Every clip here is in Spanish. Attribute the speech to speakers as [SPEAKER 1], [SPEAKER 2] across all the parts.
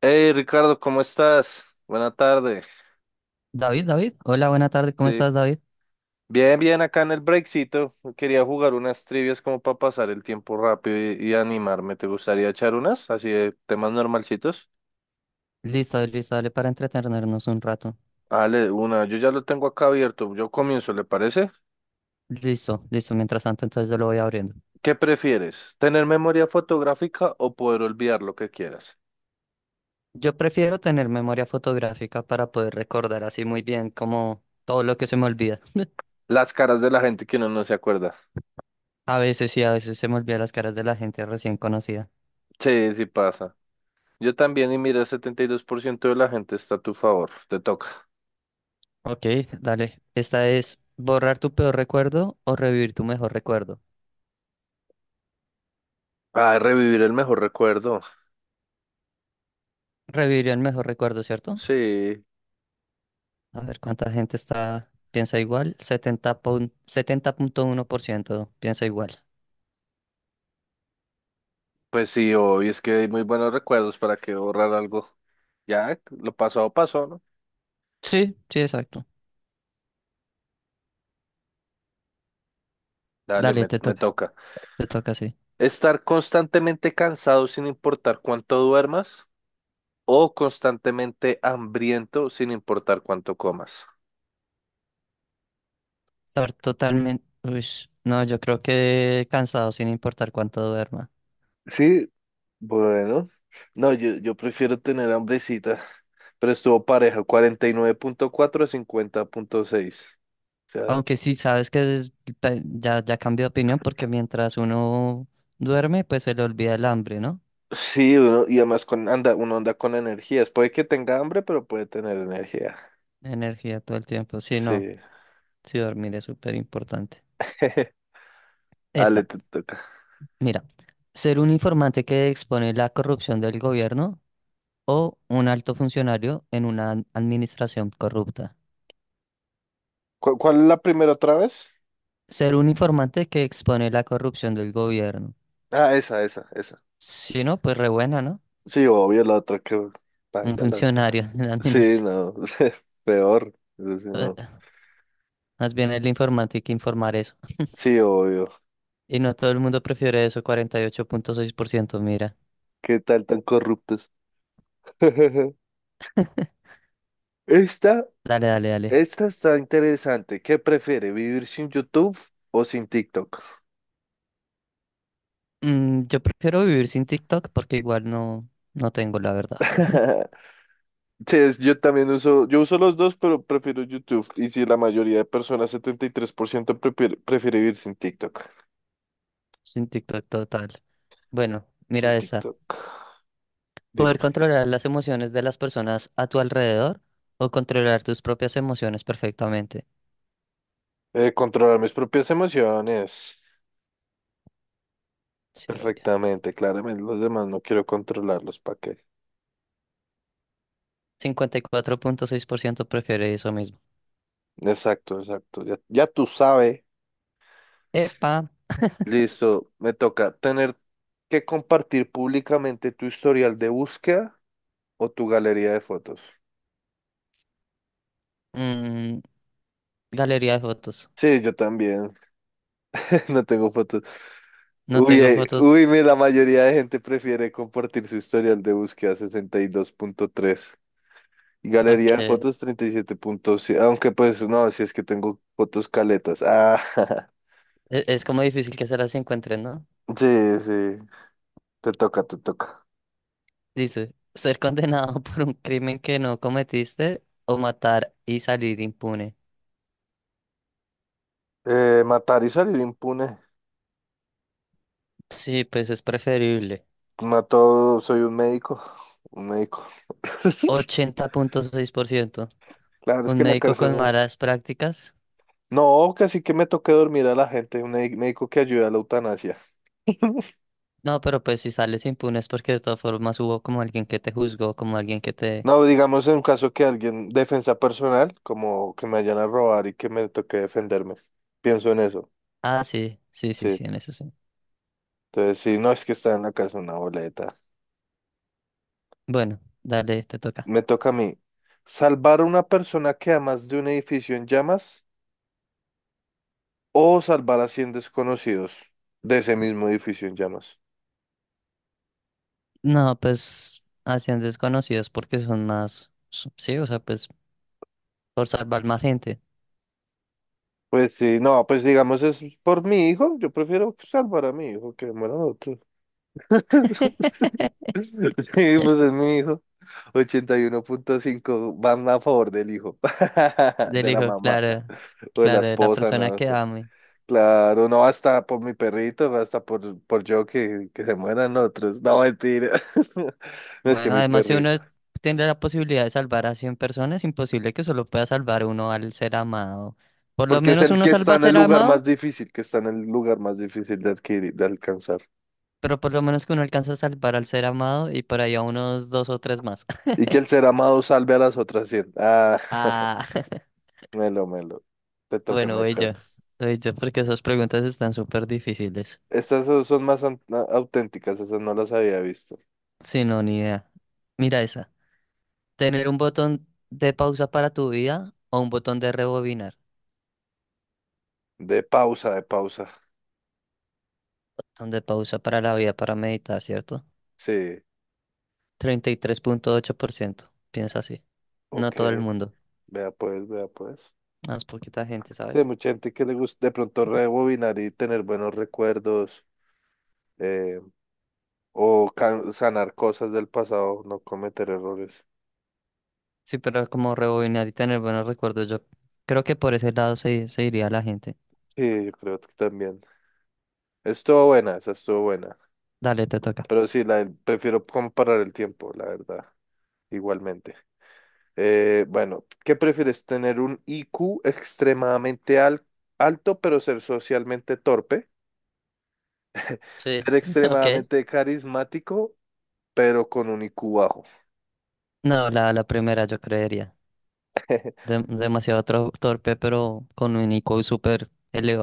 [SPEAKER 1] Hey Ricardo, ¿cómo estás? Buena tarde.
[SPEAKER 2] David, David, hola, buena tarde, ¿cómo
[SPEAKER 1] Sí.
[SPEAKER 2] estás, David?
[SPEAKER 1] Bien, bien, acá en el breakcito. Quería jugar unas trivias como para pasar el tiempo rápido y animarme. ¿Te gustaría echar unas? Así de temas normalcitos.
[SPEAKER 2] Listo, listo, dale para entretenernos un rato.
[SPEAKER 1] Dale, una. Yo ya lo tengo acá abierto. Yo comienzo, ¿le parece?
[SPEAKER 2] Listo, listo, mientras tanto, entonces yo lo voy abriendo.
[SPEAKER 1] ¿Qué prefieres? ¿Tener memoria fotográfica o poder olvidar lo que quieras?
[SPEAKER 2] Yo prefiero tener memoria fotográfica para poder recordar así muy bien como todo lo que se me olvida.
[SPEAKER 1] Las caras de la gente que uno no se acuerda.
[SPEAKER 2] A veces sí, a veces se me olvida las caras de la gente recién conocida.
[SPEAKER 1] Sí, sí pasa. Yo también, y mira, el 72% de la gente está a tu favor. Te toca.
[SPEAKER 2] Ok, dale. Esta es borrar tu peor recuerdo o revivir tu mejor recuerdo.
[SPEAKER 1] Ah, revivir el mejor recuerdo.
[SPEAKER 2] Revivir el mejor recuerdo, ¿cierto?
[SPEAKER 1] Sí.
[SPEAKER 2] A ver cuánta gente está, piensa igual. 70.1% piensa igual.
[SPEAKER 1] Pues sí, hoy es que hay muy buenos recuerdos para que borrar algo. Ya, lo pasado pasó, ¿no?
[SPEAKER 2] Sí, sí, exacto.
[SPEAKER 1] Dale,
[SPEAKER 2] Dale,
[SPEAKER 1] me, me toca.
[SPEAKER 2] te toca, sí.
[SPEAKER 1] Estar constantemente cansado sin importar cuánto duermas o constantemente hambriento sin importar cuánto comas.
[SPEAKER 2] Estar totalmente, uy, no, yo creo que cansado sin importar cuánto duerma.
[SPEAKER 1] Sí, bueno. No, yo prefiero tener hambrecita, pero estuvo pareja, 49.4 a 50.6. O sea,
[SPEAKER 2] Aunque sí, sabes que ya, ya cambié de opinión porque mientras uno duerme, pues se le olvida el hambre, ¿no?
[SPEAKER 1] sí, uno, y además con, anda, uno anda con energías. Puede que tenga hambre, pero puede tener energía.
[SPEAKER 2] Energía todo el tiempo. Sí, no,
[SPEAKER 1] Sí.
[SPEAKER 2] sí, dormir es súper importante.
[SPEAKER 1] Ale,
[SPEAKER 2] Esta,
[SPEAKER 1] te toca.
[SPEAKER 2] mira, ser un informante que expone la corrupción del gobierno o un alto funcionario en una administración corrupta.
[SPEAKER 1] ¿Cuál, es la primera otra vez?
[SPEAKER 2] Ser un informante que expone la corrupción del gobierno.
[SPEAKER 1] Ah, esa, esa, esa.
[SPEAKER 2] Si no, pues re buena, ¿no?
[SPEAKER 1] Sí, obvio, la otra que
[SPEAKER 2] Un
[SPEAKER 1] baila, la otra.
[SPEAKER 2] funcionario en la
[SPEAKER 1] Sí,
[SPEAKER 2] administración.
[SPEAKER 1] no, peor. Eso sí, no.
[SPEAKER 2] Más bien el informante que informar eso.
[SPEAKER 1] Sí, obvio.
[SPEAKER 2] Y no todo el mundo prefiere eso, 48.6%, mira.
[SPEAKER 1] ¿Qué tal tan corruptos? Esta,
[SPEAKER 2] Dale, dale, dale.
[SPEAKER 1] esta está interesante. ¿Qué prefiere, vivir sin YouTube o sin TikTok?
[SPEAKER 2] Yo prefiero vivir sin TikTok porque igual no, no tengo la verdad.
[SPEAKER 1] Sí, yo también uso, yo uso los dos, pero prefiero YouTube. Y si la mayoría de personas, 73%, prefiere vivir sin TikTok.
[SPEAKER 2] Sin TikTok total. Bueno,
[SPEAKER 1] Sin
[SPEAKER 2] mira esta.
[SPEAKER 1] TikTok. Dime.
[SPEAKER 2] Poder controlar las emociones de las personas a tu alrededor o controlar tus propias emociones perfectamente.
[SPEAKER 1] Controlar mis propias emociones.
[SPEAKER 2] Sí, obvio.
[SPEAKER 1] Perfectamente, claramente. Los demás no quiero controlarlos. ¿Para qué?
[SPEAKER 2] 54.6% prefiere eso mismo.
[SPEAKER 1] Exacto, exacto. Ya, ya tú sabes.
[SPEAKER 2] Epa,
[SPEAKER 1] Listo. Me toca tener que compartir públicamente tu historial de búsqueda o tu galería de fotos.
[SPEAKER 2] mm, galería de fotos.
[SPEAKER 1] Sí, yo también. No tengo fotos.
[SPEAKER 2] No
[SPEAKER 1] Uy,
[SPEAKER 2] tengo
[SPEAKER 1] uy,
[SPEAKER 2] fotos.
[SPEAKER 1] la mayoría de gente prefiere compartir su historial de búsqueda 62.3 y
[SPEAKER 2] Ok.
[SPEAKER 1] galería de fotos 37.7. Aunque pues no, si es que tengo fotos caletas. Ah,
[SPEAKER 2] Es, como difícil que se las encuentren, ¿no?
[SPEAKER 1] Sí, sí, te toca, te toca.
[SPEAKER 2] Dice, ser condenado por un crimen que no cometiste o matar y salir impune.
[SPEAKER 1] Matar y salir impune.
[SPEAKER 2] Sí, pues es preferible.
[SPEAKER 1] Mató, soy un médico, un médico.
[SPEAKER 2] 80.6%.
[SPEAKER 1] Claro, es
[SPEAKER 2] Un
[SPEAKER 1] que la
[SPEAKER 2] médico
[SPEAKER 1] cárcel
[SPEAKER 2] con
[SPEAKER 1] no.
[SPEAKER 2] malas prácticas.
[SPEAKER 1] No, que así que me toque dormir a la gente, un médico que ayude a la eutanasia.
[SPEAKER 2] No, pero pues si sales impune es porque de todas formas hubo como alguien que te juzgó, como alguien que te...
[SPEAKER 1] No, digamos en un caso que alguien, defensa personal, como que me vayan a robar y que me toque defenderme. Pienso en eso.
[SPEAKER 2] Ah, sí, sí, sí,
[SPEAKER 1] Sí.
[SPEAKER 2] sí, en eso sí.
[SPEAKER 1] Entonces, sí, no es que está en la cárcel una boleta.
[SPEAKER 2] Bueno, dale, te toca.
[SPEAKER 1] Me toca a mí. Salvar a una persona que amas de un edificio en llamas o salvar a 100 desconocidos de ese mismo edificio en llamas.
[SPEAKER 2] No, pues hacían desconocidos porque son más, sí, o sea, pues por salvar más gente.
[SPEAKER 1] Pues sí, no, pues digamos es por mi hijo, yo prefiero salvar a mi hijo que muera otro. Sí, pues es mi hijo. 81.5 van a favor del hijo,
[SPEAKER 2] Del
[SPEAKER 1] de la
[SPEAKER 2] hijo,
[SPEAKER 1] mamá
[SPEAKER 2] claro,
[SPEAKER 1] o de la
[SPEAKER 2] claro, de la
[SPEAKER 1] esposa,
[SPEAKER 2] persona
[SPEAKER 1] no
[SPEAKER 2] que
[SPEAKER 1] sé.
[SPEAKER 2] ame.
[SPEAKER 1] Claro, no hasta por mi perrito, hasta por yo que se mueran otros. No, mentira. No es que
[SPEAKER 2] Bueno,
[SPEAKER 1] mi
[SPEAKER 2] además si uno
[SPEAKER 1] perrito.
[SPEAKER 2] tiene la posibilidad de salvar a 100 personas, es imposible que solo pueda salvar uno al ser amado. Por lo
[SPEAKER 1] Porque es
[SPEAKER 2] menos
[SPEAKER 1] el
[SPEAKER 2] uno
[SPEAKER 1] que está
[SPEAKER 2] salva a
[SPEAKER 1] en el
[SPEAKER 2] ser
[SPEAKER 1] lugar más
[SPEAKER 2] amado,
[SPEAKER 1] difícil, que está en el lugar más difícil de adquirir, de alcanzar.
[SPEAKER 2] pero por lo menos que uno alcanza a salvar al ser amado y por ahí a unos dos o tres más.
[SPEAKER 1] Y que el ser amado salve a las otras 100. Ah,
[SPEAKER 2] Ah,
[SPEAKER 1] melo, melo. Te toca,
[SPEAKER 2] bueno,
[SPEAKER 1] my
[SPEAKER 2] voy
[SPEAKER 1] pet.
[SPEAKER 2] yo, voy yo porque esas preguntas están súper difíciles.
[SPEAKER 1] Estas son más auténticas, esas no las había visto.
[SPEAKER 2] Sí, no, ni idea. Mira esa. Tener un botón de pausa para tu vida o un botón de rebobinar.
[SPEAKER 1] De pausa, de pausa.
[SPEAKER 2] Botón de pausa para la vida, para meditar, ¿cierto?
[SPEAKER 1] Sí,
[SPEAKER 2] 33.8% piensa así.
[SPEAKER 1] ok.
[SPEAKER 2] No todo el mundo,
[SPEAKER 1] Vea pues, vea pues.
[SPEAKER 2] más poquita gente,
[SPEAKER 1] Sí, hay
[SPEAKER 2] ¿sabes?
[SPEAKER 1] mucha gente que le gusta de pronto rebobinar y tener buenos recuerdos, eh, o sanar cosas del pasado, no cometer errores.
[SPEAKER 2] Sí, pero como rebobinar y tener buenos recuerdos, yo creo que por ese lado se iría la gente.
[SPEAKER 1] Sí, yo creo que también. Estuvo buena, esa estuvo buena.
[SPEAKER 2] Dale, te toca.
[SPEAKER 1] Pero sí, prefiero comparar el tiempo, la verdad, igualmente. Bueno, ¿qué prefieres? ¿Tener un I Q extremadamente alto, pero ser socialmente torpe?
[SPEAKER 2] Sí,
[SPEAKER 1] ¿Ser
[SPEAKER 2] ok.
[SPEAKER 1] extremadamente carismático, pero con un I Q bajo?
[SPEAKER 2] No, la primera yo creería. Demasiado torpe, pero con un IQ súper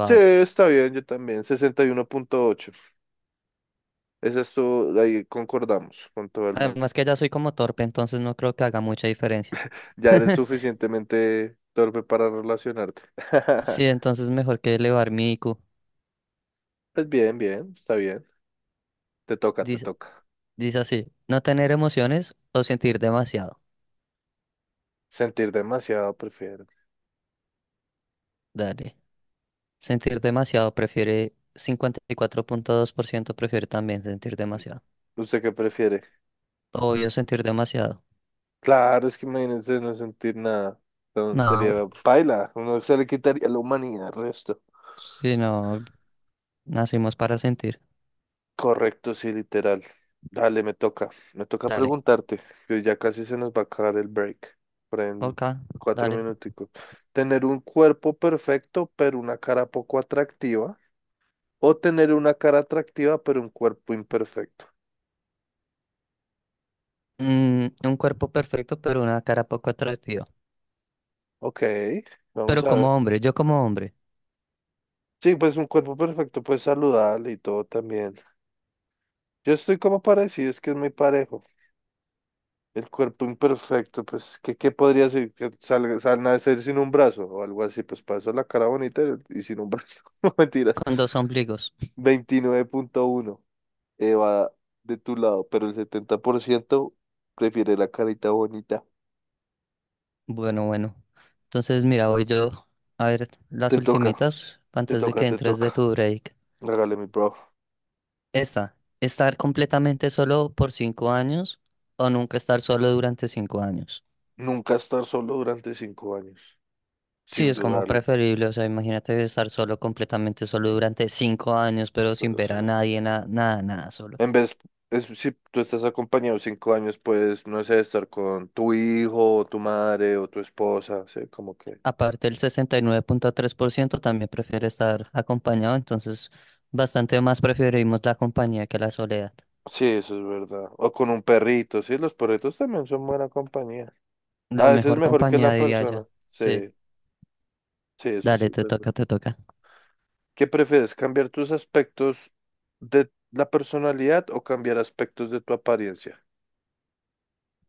[SPEAKER 1] Sí, está bien, yo también, 61.8. Esa todo ahí concordamos con todo el mundo.
[SPEAKER 2] Además que ya soy como torpe, entonces no creo que haga mucha diferencia.
[SPEAKER 1] Ya eres suficientemente torpe para relacionarte.
[SPEAKER 2] Sí, entonces mejor que elevar mi IQ.
[SPEAKER 1] Pues bien, bien, está bien. Te toca, te
[SPEAKER 2] Dice,
[SPEAKER 1] toca.
[SPEAKER 2] dice así, no tener emociones o sentir demasiado.
[SPEAKER 1] Sentir demasiado prefiero.
[SPEAKER 2] Dale. Sentir demasiado prefiere 54.2% prefiere también sentir demasiado.
[SPEAKER 1] ¿Usted qué prefiere?
[SPEAKER 2] Obvio sentir demasiado.
[SPEAKER 1] Claro, es que imagínense no sentir nada. Sería
[SPEAKER 2] No,
[SPEAKER 1] paila. Uno se le quitaría la humanidad al resto.
[SPEAKER 2] si no, nacimos para sentir.
[SPEAKER 1] Correcto, sí, literal. Dale, me toca. Me toca
[SPEAKER 2] Dale.
[SPEAKER 1] preguntarte, que ya casi se nos va a acabar el break. Por ahí en
[SPEAKER 2] Ok,
[SPEAKER 1] cuatro
[SPEAKER 2] dale.
[SPEAKER 1] minuticos. ¿Tener un cuerpo perfecto, pero una cara poco atractiva? ¿O tener una cara atractiva, pero un cuerpo imperfecto?
[SPEAKER 2] Un cuerpo perfecto pero una cara poco atractiva.
[SPEAKER 1] Ok, vamos
[SPEAKER 2] Pero
[SPEAKER 1] a
[SPEAKER 2] como
[SPEAKER 1] ver.
[SPEAKER 2] hombre, yo como hombre,
[SPEAKER 1] Sí, pues un cuerpo perfecto, pues saludable y todo también. Yo estoy como parecido, es que es muy parejo. El cuerpo imperfecto, pues, ¿qué podría ser? Que salga, nacer sin un brazo o algo así, pues para eso la cara bonita y sin un brazo. No mentiras.
[SPEAKER 2] con dos ombligos.
[SPEAKER 1] 29.1 va de tu lado, pero el 70% prefiere la carita bonita.
[SPEAKER 2] Bueno, bueno. Entonces, mira, voy yo a ver las
[SPEAKER 1] Te toca,
[SPEAKER 2] ultimitas
[SPEAKER 1] te
[SPEAKER 2] antes de
[SPEAKER 1] toca,
[SPEAKER 2] que
[SPEAKER 1] te
[SPEAKER 2] entres de
[SPEAKER 1] toca.
[SPEAKER 2] tu break.
[SPEAKER 1] Regale mi bro.
[SPEAKER 2] Esta, estar completamente solo por 5 años o nunca estar solo durante 5 años.
[SPEAKER 1] Nunca estar solo durante 5 años,
[SPEAKER 2] Sí,
[SPEAKER 1] sin
[SPEAKER 2] es como
[SPEAKER 1] dudarlo.
[SPEAKER 2] preferible, o sea, imagínate estar solo, completamente solo durante 5 años, pero sin ver a nadie, nada, nada, solo.
[SPEAKER 1] En vez, si tú estás acompañado 5 años, pues, no sé, estar con tu hijo, o tu madre, o tu esposa, sí, como que.
[SPEAKER 2] Aparte, el 69.3% también prefiere estar acompañado, entonces bastante más preferimos la compañía que la soledad.
[SPEAKER 1] Sí, eso es verdad. O con un perrito, sí, los perritos también son buena compañía.
[SPEAKER 2] La
[SPEAKER 1] A veces es
[SPEAKER 2] mejor
[SPEAKER 1] mejor que
[SPEAKER 2] compañía,
[SPEAKER 1] la
[SPEAKER 2] diría yo.
[SPEAKER 1] persona.
[SPEAKER 2] Sí.
[SPEAKER 1] Sí, sí, eso sí
[SPEAKER 2] Dale,
[SPEAKER 1] es
[SPEAKER 2] te
[SPEAKER 1] verdad.
[SPEAKER 2] toca, te toca.
[SPEAKER 1] ¿Qué prefieres, cambiar tus aspectos de la personalidad o cambiar aspectos de tu apariencia?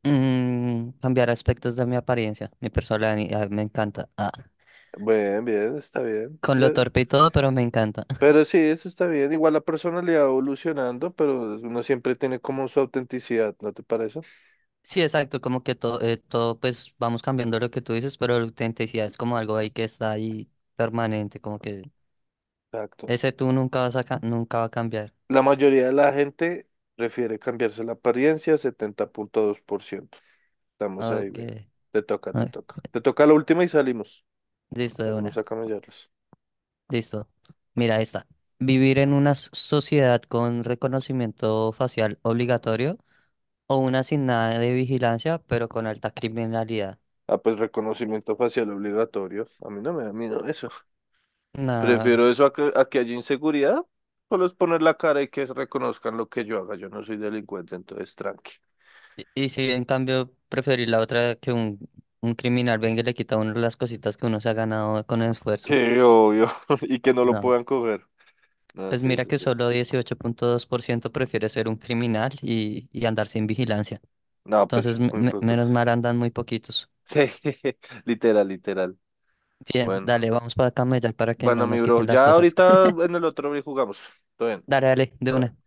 [SPEAKER 2] Cambiar aspectos de mi apariencia, mi personalidad me encanta. Ah,
[SPEAKER 1] Bien, bien, está bien.
[SPEAKER 2] con lo
[SPEAKER 1] Ya.
[SPEAKER 2] torpe y todo, pero me encanta.
[SPEAKER 1] Pero sí, eso está bien. Igual la personalidad va evolucionando, pero uno siempre tiene como su autenticidad, ¿no te parece?
[SPEAKER 2] Sí, exacto, como que todo, pues vamos cambiando lo que tú dices, pero la autenticidad es como algo ahí que está ahí permanente, como que
[SPEAKER 1] Exacto.
[SPEAKER 2] ese tú nunca va a cambiar.
[SPEAKER 1] La mayoría de la gente prefiere cambiarse la apariencia, 70.2%. Estamos ahí,
[SPEAKER 2] Ok,
[SPEAKER 1] bien. Te toca, te
[SPEAKER 2] ok,
[SPEAKER 1] toca. Te toca la última y salimos.
[SPEAKER 2] listo de
[SPEAKER 1] Salimos a
[SPEAKER 2] una,
[SPEAKER 1] camellarlas.
[SPEAKER 2] listo. Mira esta. Vivir en una sociedad con reconocimiento facial obligatorio o una sin nada de vigilancia, pero con alta criminalidad.
[SPEAKER 1] Ah, pues reconocimiento facial obligatorio. A mí no me da miedo eso.
[SPEAKER 2] Nada.
[SPEAKER 1] Prefiero eso a que haya inseguridad. Solo es poner la cara y que reconozcan lo que yo haga. Yo no soy delincuente, entonces tranqui.
[SPEAKER 2] Y si en cambio preferir la otra que un criminal venga y le quita a uno las cositas que uno se ha ganado con esfuerzo.
[SPEAKER 1] Qué obvio. Y que no lo
[SPEAKER 2] No.
[SPEAKER 1] puedan coger. No,
[SPEAKER 2] Pues
[SPEAKER 1] sí,
[SPEAKER 2] mira
[SPEAKER 1] eso.
[SPEAKER 2] que solo 18.2% prefiere ser un criminal y andar sin vigilancia.
[SPEAKER 1] No, pues
[SPEAKER 2] Entonces,
[SPEAKER 1] muy poco.
[SPEAKER 2] menos mal andan muy poquitos.
[SPEAKER 1] Sí, literal, literal.
[SPEAKER 2] Bien,
[SPEAKER 1] Bueno,
[SPEAKER 2] dale, vamos para camellar para que
[SPEAKER 1] bueno,
[SPEAKER 2] no
[SPEAKER 1] mi
[SPEAKER 2] nos
[SPEAKER 1] bro.
[SPEAKER 2] quiten las
[SPEAKER 1] Ya
[SPEAKER 2] cosas.
[SPEAKER 1] ahorita en el otro bri jugamos. Todo bien.
[SPEAKER 2] Dale, dale, de
[SPEAKER 1] Bye,
[SPEAKER 2] una.
[SPEAKER 1] bye.